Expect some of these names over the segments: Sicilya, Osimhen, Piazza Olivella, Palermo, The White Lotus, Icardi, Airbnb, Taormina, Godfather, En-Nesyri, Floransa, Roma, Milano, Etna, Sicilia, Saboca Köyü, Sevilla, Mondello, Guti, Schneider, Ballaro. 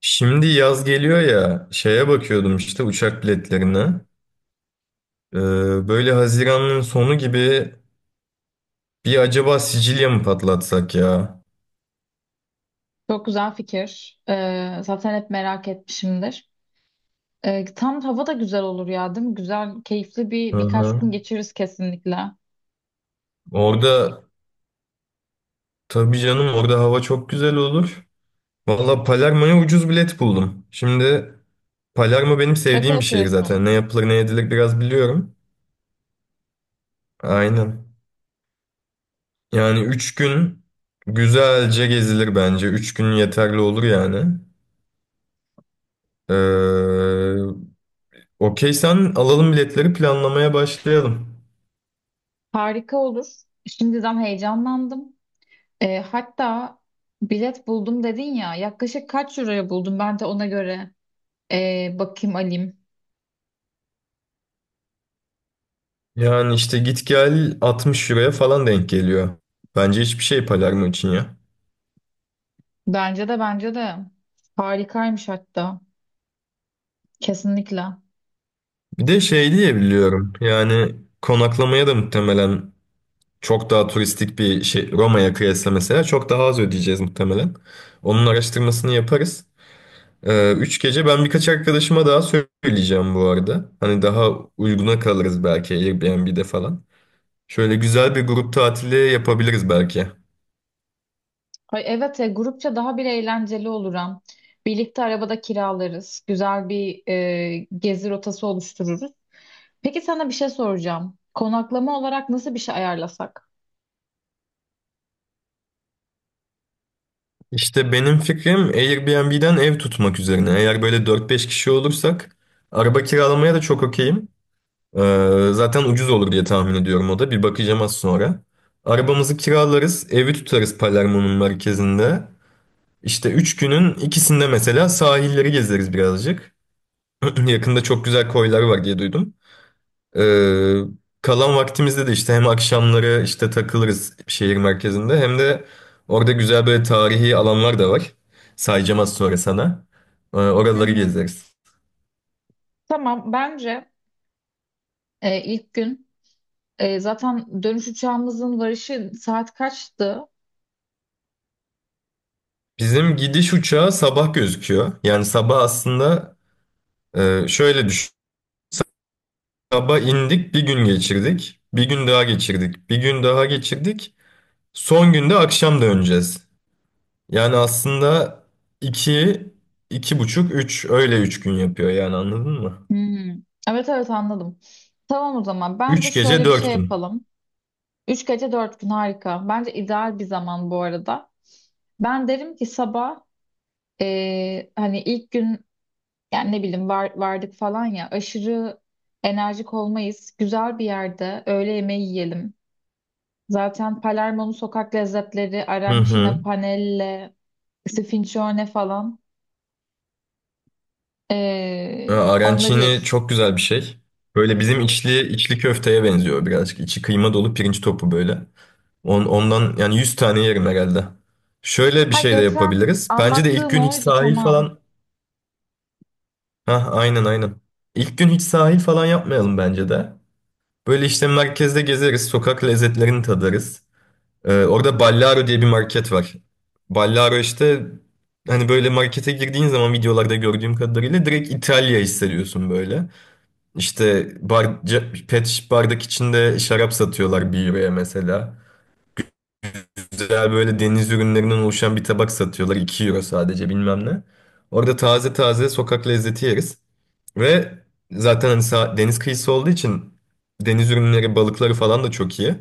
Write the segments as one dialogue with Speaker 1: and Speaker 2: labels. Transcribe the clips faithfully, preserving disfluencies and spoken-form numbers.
Speaker 1: Şimdi yaz geliyor ya şeye bakıyordum işte uçak biletlerine. Ee, Böyle Haziran'ın sonu gibi bir acaba Sicilya mı patlatsak ya?
Speaker 2: Çok güzel fikir. Ee, zaten hep merak etmişimdir. Ee, tam hava da güzel olur ya, değil mi? Güzel, keyifli
Speaker 1: Hı
Speaker 2: bir birkaç
Speaker 1: hı.
Speaker 2: gün geçiririz kesinlikle.
Speaker 1: Orada tabii canım orada hava çok güzel olur. Valla Palermo'ya ucuz bilet buldum. Şimdi Palermo benim
Speaker 2: Şaka
Speaker 1: sevdiğim bir şehir
Speaker 2: yapıyorsun.
Speaker 1: zaten. Ne yapılır ne edilir biraz biliyorum. Aynen. Yani üç gün güzelce gezilir bence. Üç gün yeterli olur yani. Ee, Okey, sen alalım biletleri planlamaya başlayalım.
Speaker 2: Harika olur. Şimdiden heyecanlandım. Ee, hatta bilet buldum dedin ya. Yaklaşık kaç euroya buldun? Ben de ona göre ee, bakayım alayım.
Speaker 1: Yani işte git gel 60 euroya falan denk geliyor. Bence hiçbir şey Palermo için ya.
Speaker 2: Bence de, bence de. Harikaymış hatta. Kesinlikle.
Speaker 1: Bir de şey diye biliyorum. Yani konaklamaya da muhtemelen çok daha turistik bir şey, Roma'ya kıyasla mesela çok daha az ödeyeceğiz muhtemelen. Onun araştırmasını yaparız. Ee, üç gece, ben birkaç arkadaşıma daha söyleyeceğim bu arada. Hani daha uyguna kalırız belki Airbnb'de falan. Şöyle güzel bir grup tatili yapabiliriz belki.
Speaker 2: Ay evet, e, grupça daha bir eğlenceli olur hem. Birlikte arabada kiralarız. Güzel bir e, gezi rotası oluştururuz. Peki sana bir şey soracağım. Konaklama olarak nasıl bir şey ayarlasak?
Speaker 1: İşte benim fikrim Airbnb'den ev tutmak üzerine. Eğer böyle dört beş kişi olursak araba kiralamaya da çok okeyim. Ee, zaten ucuz olur diye tahmin ediyorum o da. Bir bakacağım az sonra. Arabamızı kiralarız, evi tutarız Palermo'nun merkezinde. İşte üç günün ikisinde mesela sahilleri gezeriz birazcık. Yakında çok güzel koylar var diye duydum. Ee, Kalan vaktimizde de işte hem akşamları işte takılırız şehir merkezinde, hem de orada güzel böyle tarihi alanlar da var. Sayacağım az sonra sana. Ee,
Speaker 2: Hı
Speaker 1: oraları
Speaker 2: hı.
Speaker 1: gezeriz.
Speaker 2: Tamam, bence e, ilk gün, e, zaten dönüş uçağımızın varışı saat kaçtı?
Speaker 1: Bizim gidiş uçağı sabah gözüküyor. Yani sabah aslında, e, şöyle düşün. Sabah indik, bir gün geçirdik. Bir gün daha geçirdik. Bir gün daha geçirdik. Son günde akşam döneceğiz. Yani aslında iki, iki buçuk, üç, öyle üç gün yapıyor yani, anladın mı?
Speaker 2: Hmm. Evet, evet anladım. Tamam, o zaman bence
Speaker 1: Üç gece
Speaker 2: şöyle bir şey
Speaker 1: dört gün.
Speaker 2: yapalım. Üç gece dört gün, harika. Bence ideal bir zaman bu arada. Ben derim ki sabah, eee, hani ilk gün yani ne bileyim var, vardık falan ya, aşırı enerjik olmayız. Güzel bir yerde öğle yemeği yiyelim. Zaten Palermo'nun sokak lezzetleri
Speaker 1: Hı
Speaker 2: arancina,
Speaker 1: hı.
Speaker 2: panelle, sfincione falan, eee,
Speaker 1: Ya,
Speaker 2: onları
Speaker 1: Arancini
Speaker 2: yeriz.
Speaker 1: çok güzel bir şey. Böyle bizim içli içli köfteye benziyor birazcık. İçi kıyma dolu pirinç topu böyle. On, ondan yani yüz tane yerim herhalde. Şöyle bir
Speaker 2: Ha,
Speaker 1: şey de
Speaker 2: geçen
Speaker 1: yapabiliriz. Bence de ilk
Speaker 2: anlattığın
Speaker 1: gün hiç
Speaker 2: oydu,
Speaker 1: sahil
Speaker 2: tamam.
Speaker 1: falan... Hah, aynen aynen. İlk gün hiç sahil falan yapmayalım bence de. Böyle işte merkezde gezeriz, sokak lezzetlerini tadarız. Ee, orada Ballaro diye bir market var. Ballaro işte, hani böyle markete girdiğin zaman videolarda gördüğüm kadarıyla direkt İtalya hissediyorsun böyle. İşte bar, ca- pet şiş bardak içinde şarap satıyorlar bir euroya mesela, güzel böyle deniz ürünlerinden oluşan bir tabak satıyorlar, iki euro sadece bilmem ne. Orada taze taze sokak lezzeti yeriz. Ve zaten hani sa- deniz kıyısı olduğu için deniz ürünleri, balıkları falan da çok iyi.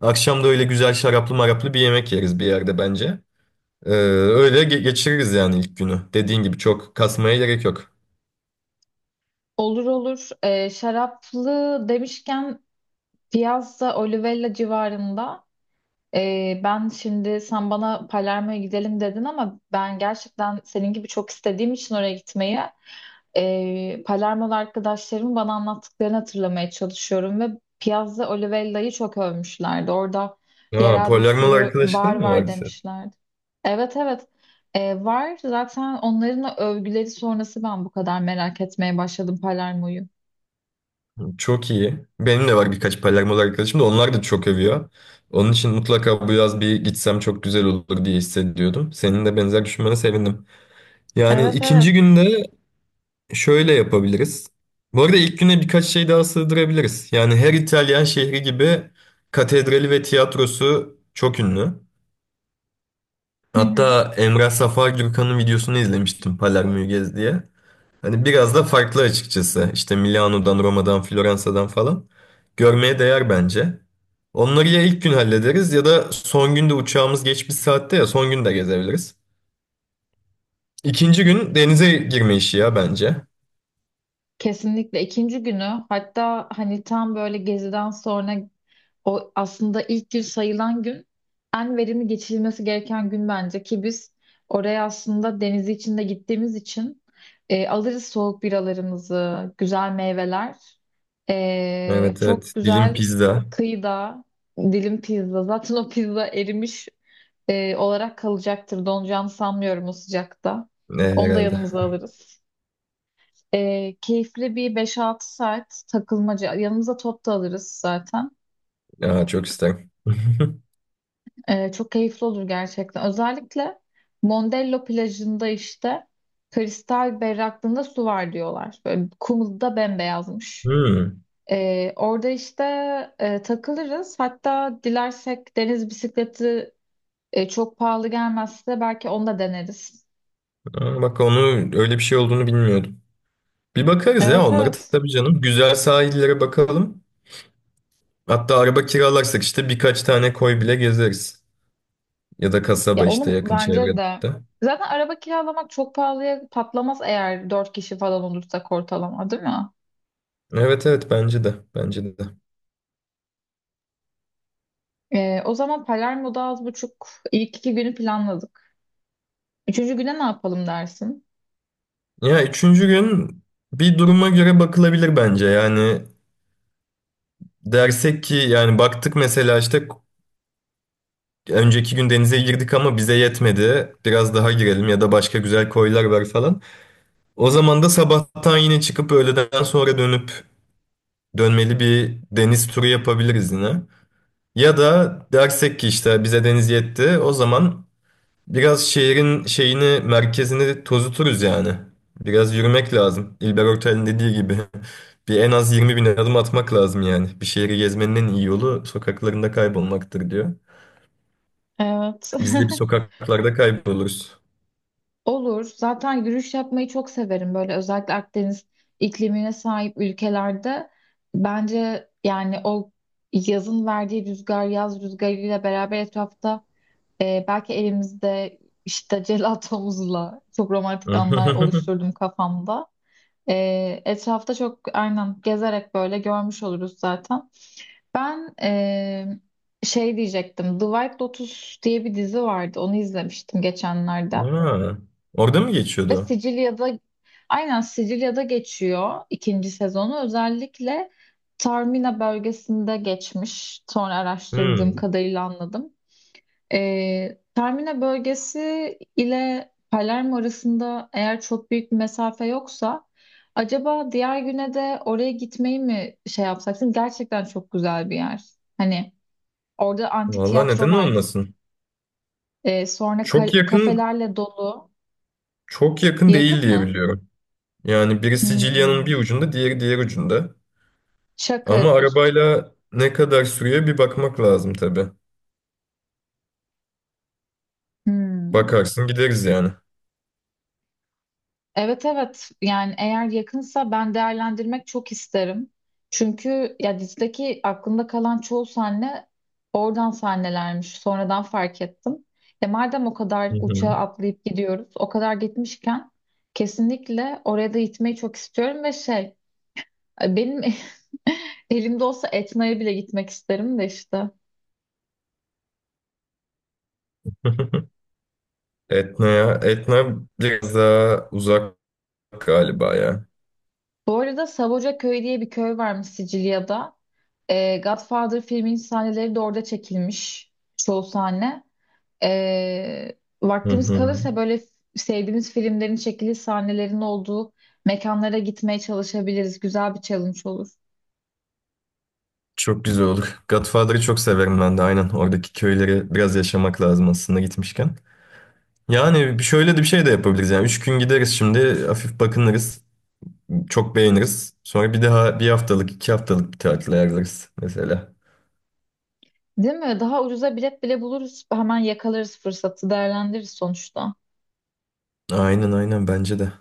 Speaker 1: Akşam da öyle güzel şaraplı maraplı bir yemek yeriz bir yerde bence. Ee, öyle ge- geçiririz yani ilk günü. Dediğin gibi çok kasmaya gerek yok.
Speaker 2: Olur olur. Ee, şaraplı demişken Piazza Olivella civarında, ee, ben şimdi sen bana Palermo'ya gidelim dedin ama ben gerçekten senin gibi çok istediğim için oraya gitmeyi, e, Palermo'lu arkadaşlarımın bana anlattıklarını hatırlamaya çalışıyorum ve Piazza Olivella'yı çok övmüşlerdi. Orada
Speaker 1: Aa,
Speaker 2: yerel bir
Speaker 1: Polyanmalı
Speaker 2: sürü bar
Speaker 1: arkadaşların mı
Speaker 2: var
Speaker 1: vardı?
Speaker 2: demişlerdi. Evet, evet. E, var zaten, onların övgüleri sonrası ben bu kadar merak etmeye başladım Palermo'yu.
Speaker 1: Çok iyi. Benim de var birkaç Palermo'lu arkadaşım, da onlar da çok övüyor. Onun için mutlaka bu yaz bir gitsem çok güzel olur diye hissediyordum. Senin de benzer düşünmene sevindim. Yani
Speaker 2: Evet, evet.
Speaker 1: ikinci günde şöyle yapabiliriz. Bu arada ilk güne birkaç şey daha sığdırabiliriz. Yani her İtalyan şehri gibi katedrali ve tiyatrosu çok ünlü.
Speaker 2: Hı hı.
Speaker 1: Hatta Emrah Safar Gürkan'ın videosunu izlemiştim Palermo'yu gez diye. Hani biraz da farklı açıkçası. İşte Milano'dan, Roma'dan, Floransa'dan falan. Görmeye değer bence. Onları ya ilk gün hallederiz ya da son günde uçağımız geç bir saatte, ya son gün de gezebiliriz. İkinci gün denize girme işi ya bence.
Speaker 2: Kesinlikle ikinci günü, hatta hani tam böyle geziden sonra. O aslında ilk gün sayılan gün, en verimli geçirilmesi gereken gün bence, ki biz oraya aslında denizi içinde gittiğimiz için e, alırız soğuk biralarımızı, güzel meyveler. E,
Speaker 1: Evet
Speaker 2: çok
Speaker 1: evet, dilim
Speaker 2: güzel
Speaker 1: pizza.
Speaker 2: kıyıda dilim pizza. Zaten o pizza erimiş e, olarak kalacaktır. Donacağını sanmıyorum o sıcakta.
Speaker 1: Ne
Speaker 2: Onu da
Speaker 1: herhalde.
Speaker 2: yanımıza alırız. E, keyifli bir beş altı saat takılmaca. Yanımıza top da alırız zaten.
Speaker 1: Ya, çok isterim.
Speaker 2: Ee, çok keyifli olur gerçekten. Özellikle Mondello plajında işte kristal berraklığında su var diyorlar. Böyle kumu da bembeyazmış.
Speaker 1: Hmm.
Speaker 2: Ee, orada işte e, takılırız. Hatta dilersek deniz bisikleti, e, çok pahalı gelmezse belki onu da deneriz.
Speaker 1: Aa, bak, onu öyle bir şey olduğunu bilmiyordum. Bir bakarız ya
Speaker 2: Evet,
Speaker 1: onlara
Speaker 2: evet.
Speaker 1: tabii canım. Güzel sahillere bakalım. Hatta araba kiralarsak işte birkaç tane koy bile gezeriz. Ya da
Speaker 2: Ya
Speaker 1: kasaba, işte
Speaker 2: onun
Speaker 1: yakın
Speaker 2: bence
Speaker 1: çevrede.
Speaker 2: de, zaten araba kiralamak çok pahalıya patlamaz eğer dört kişi falan olursak ortalama, değil mi?
Speaker 1: Evet evet, bence de. Bence de.
Speaker 2: Ee, o zaman Palermo'da az buçuk ilk iki günü planladık. Üçüncü güne ne yapalım dersin?
Speaker 1: Ya üçüncü gün bir duruma göre bakılabilir bence. Yani dersek ki, yani baktık mesela, işte önceki gün denize girdik ama bize yetmedi, biraz daha girelim ya da başka güzel koylar var falan. O zaman da sabahtan yine çıkıp öğleden sonra dönüp dönmeli bir deniz turu yapabiliriz yine. Ya da dersek ki işte bize deniz yetti. O zaman biraz şehrin şeyini, merkezini tozuturuz yani. Biraz yürümek lazım. İlber Ortaylı'nın dediği gibi. Bir, en az yirmi bin adım atmak lazım yani. Bir şehri gezmenin en iyi yolu sokaklarında kaybolmaktır diyor.
Speaker 2: Evet.
Speaker 1: Biz de bir sokaklarda kayboluruz.
Speaker 2: Olur. Zaten yürüyüş yapmayı çok severim. Böyle özellikle Akdeniz iklimine sahip ülkelerde bence yani o yazın verdiği rüzgar, yaz rüzgarıyla beraber etrafta, e, belki elimizde işte celatomuzla çok romantik anlar oluşturdum kafamda. E, etrafta çok aynen gezerek böyle görmüş oluruz zaten. Ben eee, şey diyecektim. The White Lotus diye bir dizi vardı. Onu izlemiştim geçenlerde.
Speaker 1: Ha, orada mı
Speaker 2: Ve
Speaker 1: geçiyordu o?
Speaker 2: Sicilya'da, aynen Sicilya'da geçiyor ikinci sezonu. Özellikle Taormina bölgesinde geçmiş. Sonra araştırdığım
Speaker 1: Hmm.
Speaker 2: kadarıyla anladım. Eee Taormina bölgesi ile Palermo arasında eğer çok büyük bir mesafe yoksa, acaba diğer güne de oraya gitmeyi mi şey yapsak? Çünkü gerçekten çok güzel bir yer. Hani orada antik
Speaker 1: Vallahi
Speaker 2: tiyatro
Speaker 1: neden
Speaker 2: var.
Speaker 1: olmasın?
Speaker 2: Ee, sonra
Speaker 1: Çok
Speaker 2: ka-
Speaker 1: yakın,
Speaker 2: kafelerle dolu.
Speaker 1: çok yakın
Speaker 2: Yakın
Speaker 1: değil diye
Speaker 2: mı?
Speaker 1: biliyorum. Yani biri Sicilya'nın
Speaker 2: Hmm.
Speaker 1: bir ucunda, diğeri diğer ucunda.
Speaker 2: Şaka
Speaker 1: Ama
Speaker 2: yapıyorsun.
Speaker 1: arabayla ne kadar sürüyor bir bakmak lazım tabii.
Speaker 2: Hmm.
Speaker 1: Bakarsın gideriz yani.
Speaker 2: Evet, evet. Yani eğer yakınsa ben değerlendirmek çok isterim. Çünkü ya dizideki aklımda kalan çoğu sahne oradan sahnelermiş. Sonradan fark ettim. E madem o kadar
Speaker 1: Hı
Speaker 2: uçağa
Speaker 1: hı.
Speaker 2: atlayıp gidiyoruz, o kadar gitmişken kesinlikle oraya da gitmeyi çok istiyorum ve şey, benim elimde olsa Etna'ya bile gitmek isterim de işte.
Speaker 1: Etna'ya. Etna biraz daha uzak galiba ya.
Speaker 2: Bu arada Saboca Köyü diye bir köy varmış Sicilya'da. Ee, Godfather filminin sahneleri de orada çekilmiş. Çoğu sahne. Ee,
Speaker 1: Hı
Speaker 2: Vaktimiz
Speaker 1: hı.
Speaker 2: kalırsa böyle sevdiğimiz filmlerin çekili sahnelerin olduğu mekanlara gitmeye çalışabiliriz. Güzel bir challenge olur.
Speaker 1: Çok güzel olur. Godfather'ı çok severim ben de, aynen. Oradaki köyleri biraz yaşamak lazım aslında gitmişken. Yani bir- şöyle de bir şey de yapabiliriz. Yani üç gün gideriz şimdi. Hafif bakınırız. Çok beğeniriz. Sonra bir daha bir haftalık, iki haftalık bir tatil ayarlarız mesela.
Speaker 2: Değil mi? Daha ucuza bilet bile buluruz. Hemen yakalarız fırsatı, değerlendiririz sonuçta.
Speaker 1: Aynen aynen, bence de.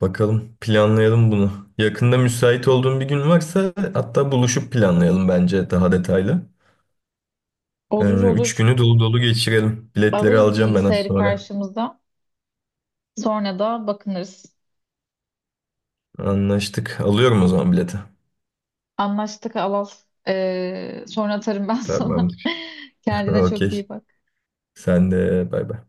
Speaker 1: Bakalım, planlayalım bunu. Yakında müsait olduğun bir gün varsa hatta, buluşup planlayalım bence daha detaylı. Ee,
Speaker 2: Olur
Speaker 1: üç
Speaker 2: olur.
Speaker 1: günü dolu dolu geçirelim. Biletleri
Speaker 2: Alırız
Speaker 1: alacağım ben az
Speaker 2: bilgisayarı
Speaker 1: sonra.
Speaker 2: karşımıza. Sonra da bakınırız.
Speaker 1: Anlaştık. Alıyorum o zaman bileti.
Speaker 2: Anlaştık Alal. Ee, sonra atarım ben sana.
Speaker 1: Tamamdır.
Speaker 2: Kendine çok
Speaker 1: Okey.
Speaker 2: iyi bak.
Speaker 1: Sen de bay bay.